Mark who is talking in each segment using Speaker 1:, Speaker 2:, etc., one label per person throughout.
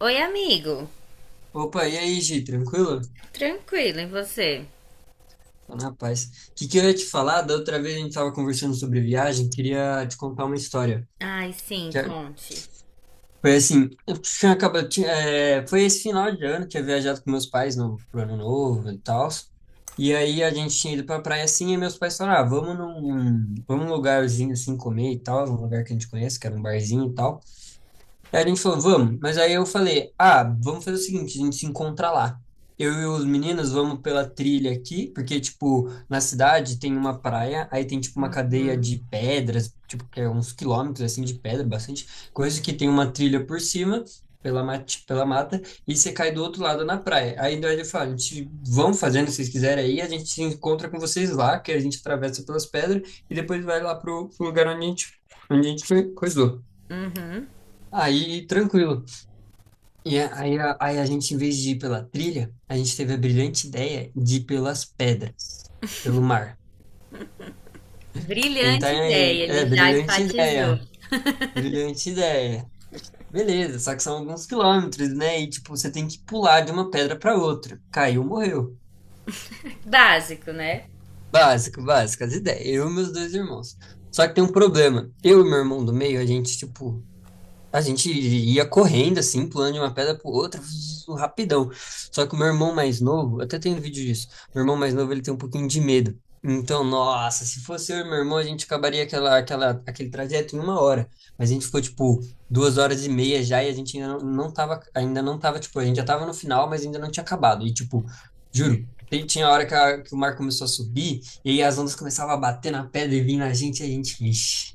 Speaker 1: Oi, amigo.
Speaker 2: Opa, e aí, Gi, tranquilo?
Speaker 1: Tranquilo, e você?
Speaker 2: Tô na paz. O que que eu ia te falar? Da outra vez a gente tava conversando sobre viagem, queria te contar uma história.
Speaker 1: Ai, sim,
Speaker 2: Que é-
Speaker 1: conte.
Speaker 2: Foi assim, eu tinha acabado, foi esse final de ano, tinha viajado com meus pais no pro ano novo e tal. E aí a gente tinha ido pra praia assim, e meus pais falaram, ah, vamos num lugarzinho assim comer e tal, um lugar que a gente conhece, que era um barzinho e tal. Aí a gente falou, vamos. Mas aí eu falei, ah, vamos fazer o seguinte, a gente se encontra lá. Eu e os meninos vamos pela trilha aqui, porque, tipo, na cidade tem uma praia, aí tem, tipo, uma cadeia de pedras, tipo, que é uns quilômetros, assim, de pedra, bastante coisa, que tem uma trilha por cima, pela mata, e você cai do outro lado na praia. Aí daí ele fala, a gente, vamos fazendo, se vocês quiserem aí, a gente se encontra com vocês lá, que a gente atravessa pelas pedras, e depois vai lá pro lugar onde a gente coisou. Aí, tranquilo. E aí a gente, em vez de ir pela trilha, a gente teve a brilhante ideia de ir pelas pedras, pelo mar. Então,
Speaker 1: Brilhante ideia,
Speaker 2: é
Speaker 1: ele já
Speaker 2: brilhante
Speaker 1: enfatizou.
Speaker 2: ideia, brilhante ideia. Beleza, só que são alguns quilômetros, né? E, tipo, você tem que pular de uma pedra para outra. Caiu, morreu.
Speaker 1: Básico, né?
Speaker 2: Básico, básico, as ideias. Eu e meus dois irmãos. Só que tem um problema. Eu e meu irmão do meio, a gente, tipo, a gente ia correndo, assim, pulando de uma pedra pro outra, vzz, rapidão. Só que o meu irmão mais novo, até tem um vídeo disso, meu irmão mais novo, ele tem um pouquinho de medo. Então, nossa, se fosse eu e meu irmão, a gente acabaria aquele trajeto em uma hora. Mas a gente ficou, tipo, 2 horas e meia já e a gente ainda não tava, tipo, a gente já tava no final, mas ainda não tinha acabado. E, tipo, juro, tinha a hora que o mar começou a subir e aí as ondas começavam a bater na pedra e vir na gente e a gente, ixi.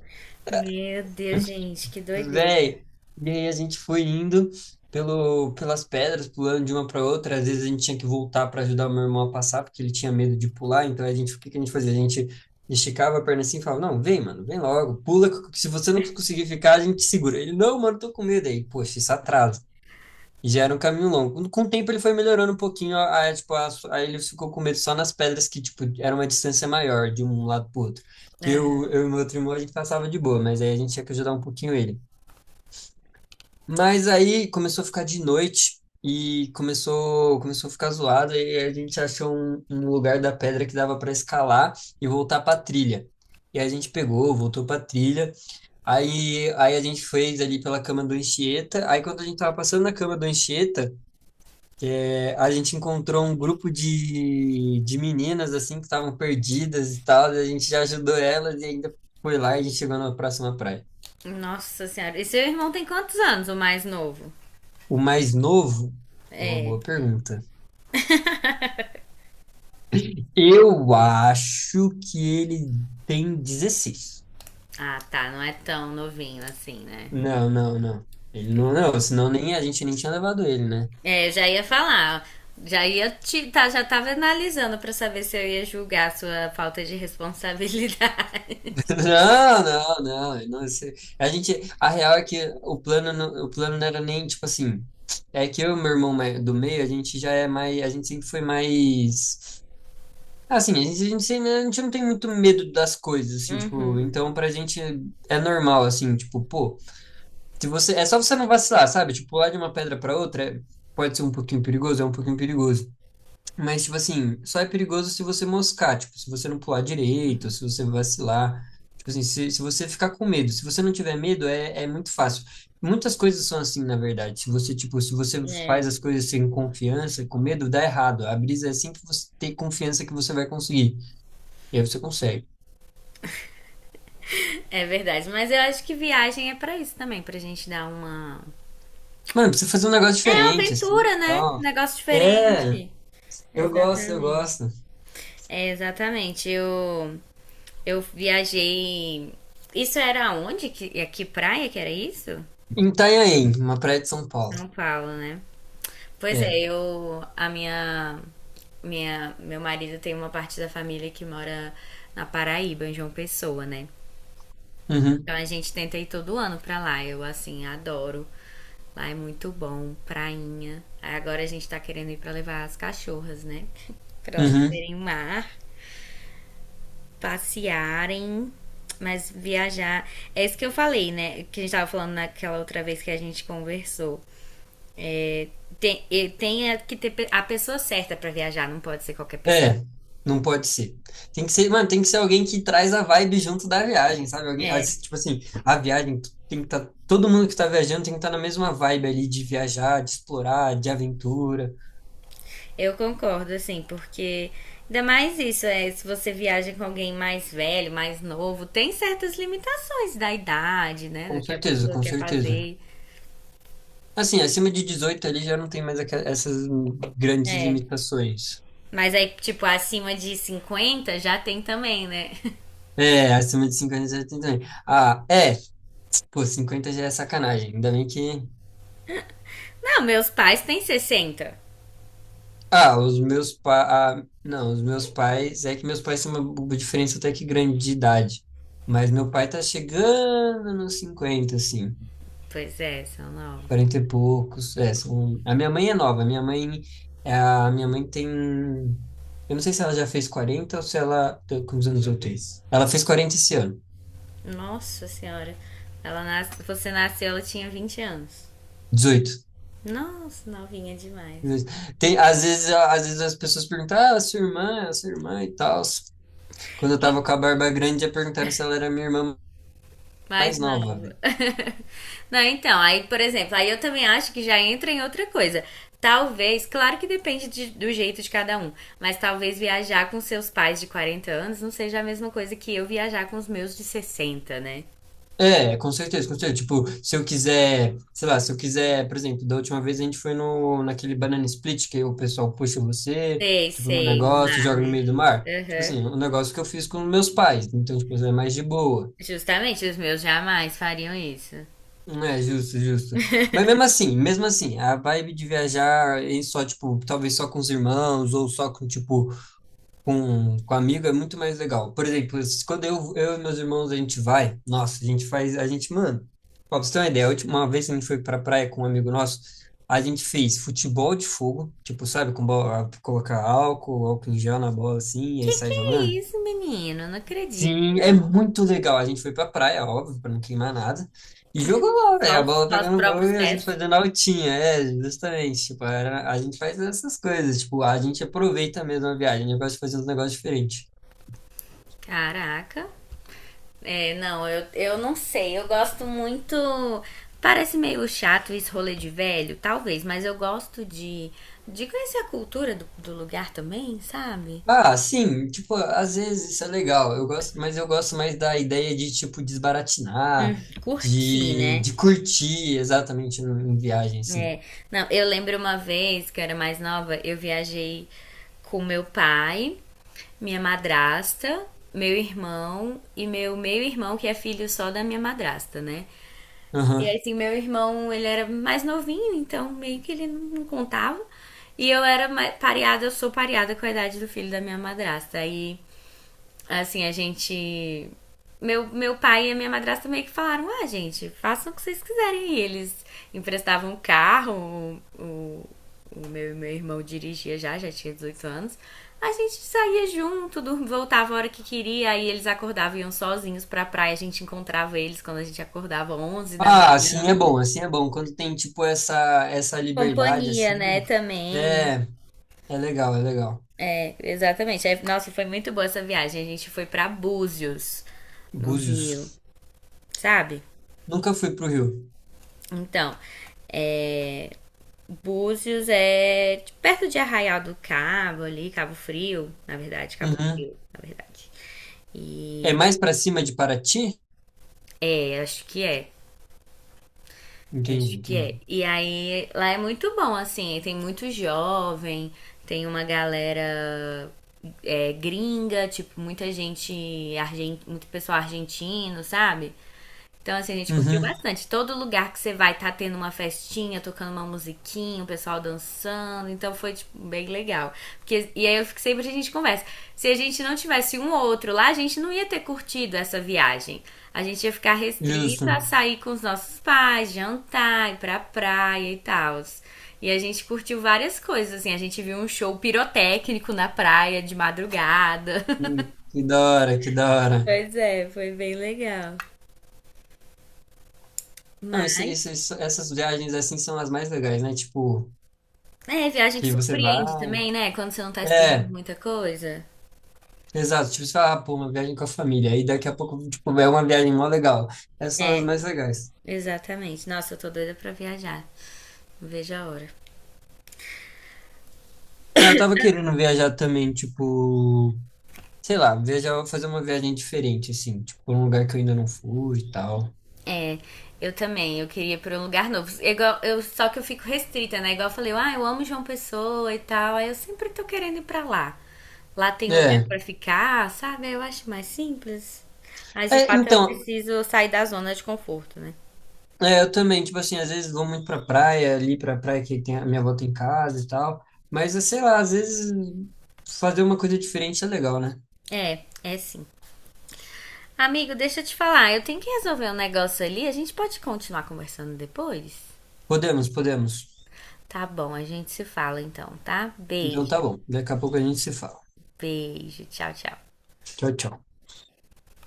Speaker 1: Meu Deus, gente, que doideira.
Speaker 2: Véi, e aí a gente foi indo pelas pedras, pulando de uma para outra. Às vezes a gente tinha que voltar para ajudar o meu irmão a passar, porque ele tinha medo de pular. Então a gente, o que que a gente fazia? A gente esticava a perna assim e falava: Não, vem, mano, vem logo, pula. Que Se você não conseguir ficar, a gente segura. Ele: Não, mano, tô com medo. Aí, poxa, isso atrasa. E já era um caminho longo. Com o tempo ele foi melhorando um pouquinho, aí ele ficou com medo só nas pedras que, tipo, era uma distância maior de um lado pro outro. Que eu,
Speaker 1: Aham.
Speaker 2: eu e meu outro irmão a gente passava de boa, mas aí a gente tinha que ajudar um pouquinho ele. Mas aí começou a ficar de noite e começou a ficar zoado e a gente achou um lugar da pedra que dava para escalar e voltar para trilha. E a gente pegou, voltou para trilha. Aí a gente fez ali pela cama do Anchieta. Aí quando a gente tava passando na cama do Anchieta, a gente encontrou um grupo de meninas assim que estavam perdidas e tal. E a gente já ajudou elas e ainda foi lá e a gente chegou na próxima praia.
Speaker 1: Nossa senhora. E seu irmão tem quantos anos, o mais novo?
Speaker 2: O mais novo é uma
Speaker 1: É.
Speaker 2: boa pergunta. Eu acho que ele tem 16.
Speaker 1: Ah, tá, não é tão novinho assim, né?
Speaker 2: Não, não, não. Ele não,
Speaker 1: Tem-
Speaker 2: não, senão nem a gente nem tinha levado ele, né?
Speaker 1: É, eu já ia falar. Já ia já tava analisando pra saber se eu ia julgar a sua falta de responsabilidade.
Speaker 2: Não, não, não. ele não- esse- a gente, a real é que o plano, o plano não era nem tipo assim. É que eu e meu irmão do meio, a gente já é mais, a gente sempre foi mais assim, a gente não tem muito medo das coisas, assim, tipo,
Speaker 1: Uhum.
Speaker 2: então pra gente é normal, assim, tipo, pô. Se você, é só você não vacilar, sabe? Tipo, pular de uma pedra para outra pode ser um pouquinho perigoso, é um pouquinho perigoso. Mas, tipo assim, só é perigoso se você moscar, tipo, se você não pular direito, se você vacilar. Tipo assim, se você ficar com medo. Se você não tiver medo, é muito fácil. Muitas coisas são assim, na verdade. Se você, tipo, se você
Speaker 1: É.
Speaker 2: faz as coisas sem confiança, com medo, dá errado. A brisa é assim que você tem confiança que você vai conseguir. E aí você consegue.
Speaker 1: É verdade, mas eu acho que viagem é pra isso também, pra gente dar uma.
Speaker 2: Mano, precisa fazer um negócio
Speaker 1: É uma
Speaker 2: diferente, assim, e
Speaker 1: aventura, né? Um
Speaker 2: tal.
Speaker 1: negócio
Speaker 2: É,
Speaker 1: diferente.
Speaker 2: eu gosto, eu
Speaker 1: Exatamente.
Speaker 2: gosto.
Speaker 1: É, exatamente. Eu viajei. Isso era onde? A que praia que era isso?
Speaker 2: Em Itanhaém, uma praia de São Paulo.
Speaker 1: São Paulo, né? Pois
Speaker 2: É.
Speaker 1: é, eu. A minha. Minha, meu marido tem uma parte da família que mora na Paraíba, em João Pessoa, né?
Speaker 2: Uhum,
Speaker 1: Então a gente tenta ir todo ano pra lá. Eu, assim, adoro. Lá é muito bom, prainha. Aí agora a gente tá querendo ir pra levar as cachorras, né? pra elas
Speaker 2: uhum.
Speaker 1: verem o mar, passearem, mas viajar. É isso que eu falei, né? Que a gente tava falando naquela outra vez que a gente conversou. Tem, a pessoa certa pra viajar, não pode ser qualquer pessoa.
Speaker 2: É, não pode ser. Tem que ser, mano, tem que ser alguém que traz a vibe junto da viagem, sabe? Alguém, ah,
Speaker 1: É,
Speaker 2: tipo assim, a viagem tu tem que estar, todo mundo que tá viajando tem que estar na mesma vibe ali de viajar, de explorar, de aventura.
Speaker 1: eu concordo, assim, porque ainda mais isso, é, se você viaja com alguém mais velho, mais novo, tem certas limitações da idade, né?
Speaker 2: Com
Speaker 1: Do que a
Speaker 2: certeza,
Speaker 1: pessoa
Speaker 2: com
Speaker 1: quer
Speaker 2: certeza.
Speaker 1: fazer.
Speaker 2: Assim, acima de 18 ali já não tem mais essas grandes
Speaker 1: É.
Speaker 2: limitações.
Speaker 1: Mas aí, tipo, acima de 50 já tem também, né?
Speaker 2: É, acima de 50 já tem também. Ah, é, pô, 50 já é sacanagem. Ainda bem que...
Speaker 1: Não, meus pais têm sessenta.
Speaker 2: Ah, os meus pais. Ah, não, os meus pais. É que meus pais têm uma diferença até que grande de idade. Mas meu pai tá chegando nos 50, assim.
Speaker 1: Pois é, são novos.
Speaker 2: 40 e poucos. É, são... A minha mãe é nova. A minha mãe tem. Eu não sei se ela já fez 40 ou se ela... Quantos anos eu tenho? Ela fez 40 esse ano.
Speaker 1: Nossa senhora. Ela nas... Você nasceu, ela tinha 20 anos.
Speaker 2: 18.
Speaker 1: Nossa, novinha demais.
Speaker 2: 18. Tem, às vezes as pessoas perguntam, ah, a sua irmã e tal. Quando eu tava com a barba grande, já perguntaram se ela era minha irmã
Speaker 1: Mais
Speaker 2: mais nova.
Speaker 1: nova. Não, então, aí, por exemplo, aí eu também acho que já entra em outra coisa. Talvez, claro que do jeito de cada um, mas talvez viajar com seus pais de 40 anos não seja a mesma coisa que eu viajar com os meus de sessenta né?
Speaker 2: É, com certeza, com certeza. Tipo, se eu quiser, sei lá, se eu quiser, por exemplo, da última vez a gente foi no, naquele banana split que o pessoal puxa você,
Speaker 1: Sei,
Speaker 2: tipo, no
Speaker 1: sei, no
Speaker 2: negócio,
Speaker 1: mar,
Speaker 2: joga no
Speaker 1: né?
Speaker 2: meio do mar. Tipo
Speaker 1: Aham.
Speaker 2: assim, um negócio que eu fiz com meus pais. Então, tipo, é mais de boa.
Speaker 1: Justamente, os meus jamais fariam isso.
Speaker 2: É, justo, justo. Mas mesmo assim, a vibe de viajar em só, tipo, talvez só com os irmãos ou só com, tipo, com amigo é muito mais legal. Por exemplo, quando eu e meus irmãos a gente vai, nossa, a gente faz, a gente, mano, pra você ter uma ideia, a última vez que a gente foi pra praia com um amigo nosso, a gente fez futebol de fogo, tipo, sabe, com bola, colocar álcool, álcool em gel na bola assim, e aí
Speaker 1: Que
Speaker 2: sai
Speaker 1: é
Speaker 2: jogando.
Speaker 1: isso, menino? Não acredito,
Speaker 2: Sim, é
Speaker 1: não.
Speaker 2: muito legal. A gente foi pra praia, óbvio, pra não queimar nada. E jogou bola, velho. A bola
Speaker 1: Só os
Speaker 2: pegando fogo
Speaker 1: próprios
Speaker 2: e a
Speaker 1: pés?
Speaker 2: gente fazendo altinha, é, justamente. Tipo, a gente faz essas coisas, tipo, a gente aproveita mesmo a viagem, a gente gosta de fazer uns negócios diferentes.
Speaker 1: Caraca. É, não, eu não sei. Eu gosto muito. Parece meio chato esse rolê de velho, talvez, mas de conhecer a cultura do lugar também, sabe?
Speaker 2: Ah, sim, tipo, às vezes isso é legal. Eu gosto, mas eu gosto mais da ideia de tipo desbaratinar,
Speaker 1: Curtir,
Speaker 2: de,
Speaker 1: né?
Speaker 2: de curtir exatamente em viagem assim.
Speaker 1: É. Não, eu lembro uma vez que eu era mais nova, eu viajei com meu pai, minha madrasta, meu irmão e meu meio-irmão, que é filho só da minha madrasta, né? E
Speaker 2: Aham.
Speaker 1: assim, meu irmão, ele era mais novinho, então meio que ele não contava. E eu era pareada, eu sou pareada com a idade do filho da minha madrasta. Aí, assim, a gente. Meu pai e a minha madrasta meio que falaram: ah, gente, façam o que vocês quiserem. E eles emprestavam o carro, o, o- o meu irmão dirigia já, já tinha 18 anos. A gente saía junto, voltava a hora que queria, aí eles acordavam e iam sozinhos pra praia. A gente encontrava eles quando a gente acordava 11 da
Speaker 2: Ah, assim é
Speaker 1: manhã.
Speaker 2: bom, assim é bom. Quando tem tipo essa liberdade
Speaker 1: Companhia, né,
Speaker 2: assim,
Speaker 1: também.
Speaker 2: é é legal, é legal.
Speaker 1: É, exatamente. Aí, nossa, foi muito boa essa viagem. A gente foi pra Búzios, no
Speaker 2: Búzios.
Speaker 1: Rio, sabe?
Speaker 2: Nunca fui pro Rio.
Speaker 1: Então, perto de Arraial do Cabo ali, Cabo Frio, na verdade, Cabo
Speaker 2: Uhum.
Speaker 1: Frio, na verdade.
Speaker 2: É
Speaker 1: E
Speaker 2: mais pra cima de Paraty?
Speaker 1: é, acho que é.
Speaker 2: Entendi,
Speaker 1: Acho que é.
Speaker 2: entendi.
Speaker 1: E aí, lá é muito bom, assim, tem muito jovem, tem uma galera é, gringa, tipo, muita gente, muito pessoal argentino, sabe? Então, assim, a gente curtiu
Speaker 2: Uhum.
Speaker 1: bastante. Todo lugar que você vai tá tendo uma festinha, tocando uma musiquinha, o pessoal dançando. Então foi, tipo, bem legal. Porque, e aí eu fico sempre a gente conversa. Se a gente não tivesse um ou outro lá, a gente não ia ter curtido essa viagem. A gente ia ficar restrito
Speaker 2: Justo.
Speaker 1: a sair com os nossos pais, jantar, ir pra praia e tal. E a gente curtiu várias coisas, assim. A gente viu um show pirotécnico na praia de madrugada.
Speaker 2: Que da hora, que da hora.
Speaker 1: Pois é, foi bem legal.
Speaker 2: Não, essas viagens assim são as mais legais, né? Tipo,
Speaker 1: É, viagem que
Speaker 2: que você vai.
Speaker 1: surpreende também, né? Quando você não tá esperando
Speaker 2: É,
Speaker 1: muita coisa.
Speaker 2: exato. Tipo, você fala, ah, pô, uma viagem com a família. Aí daqui a pouco, tipo, é uma viagem mó legal. Essas são as
Speaker 1: É,
Speaker 2: mais legais.
Speaker 1: exatamente. Nossa, eu tô doida pra viajar. Não vejo a hora.
Speaker 2: Ah, eu tava querendo viajar também, tipo, sei lá, viajar, fazer uma viagem diferente, assim, tipo, um lugar que eu ainda não fui e tal.
Speaker 1: É, eu também. Eu queria ir pra um lugar novo. É Igual, eu, só que eu fico restrita, né? Igual eu falei, ah, eu amo João Pessoa e tal. Aí eu sempre tô querendo ir pra lá. Lá tem lugar
Speaker 2: É.
Speaker 1: pra ficar, sabe? Eu acho mais simples. Mas de fato eu
Speaker 2: Então,
Speaker 1: preciso sair da zona de conforto, né?
Speaker 2: eu também, tipo assim, às vezes vou muito pra praia, ali pra praia que tem a minha avó tem casa e tal. Mas, sei lá, às vezes fazer uma coisa diferente é legal, né?
Speaker 1: É, é sim. Amigo, deixa eu te falar, eu tenho que resolver um negócio ali. A gente pode continuar conversando depois?
Speaker 2: Podemos, podemos.
Speaker 1: Tá bom, a gente se fala então, tá?
Speaker 2: Então tá
Speaker 1: Beijo,
Speaker 2: bom. Daqui a pouco a gente se fala.
Speaker 1: beijo, tchau, tchau.
Speaker 2: Tchau, tchau.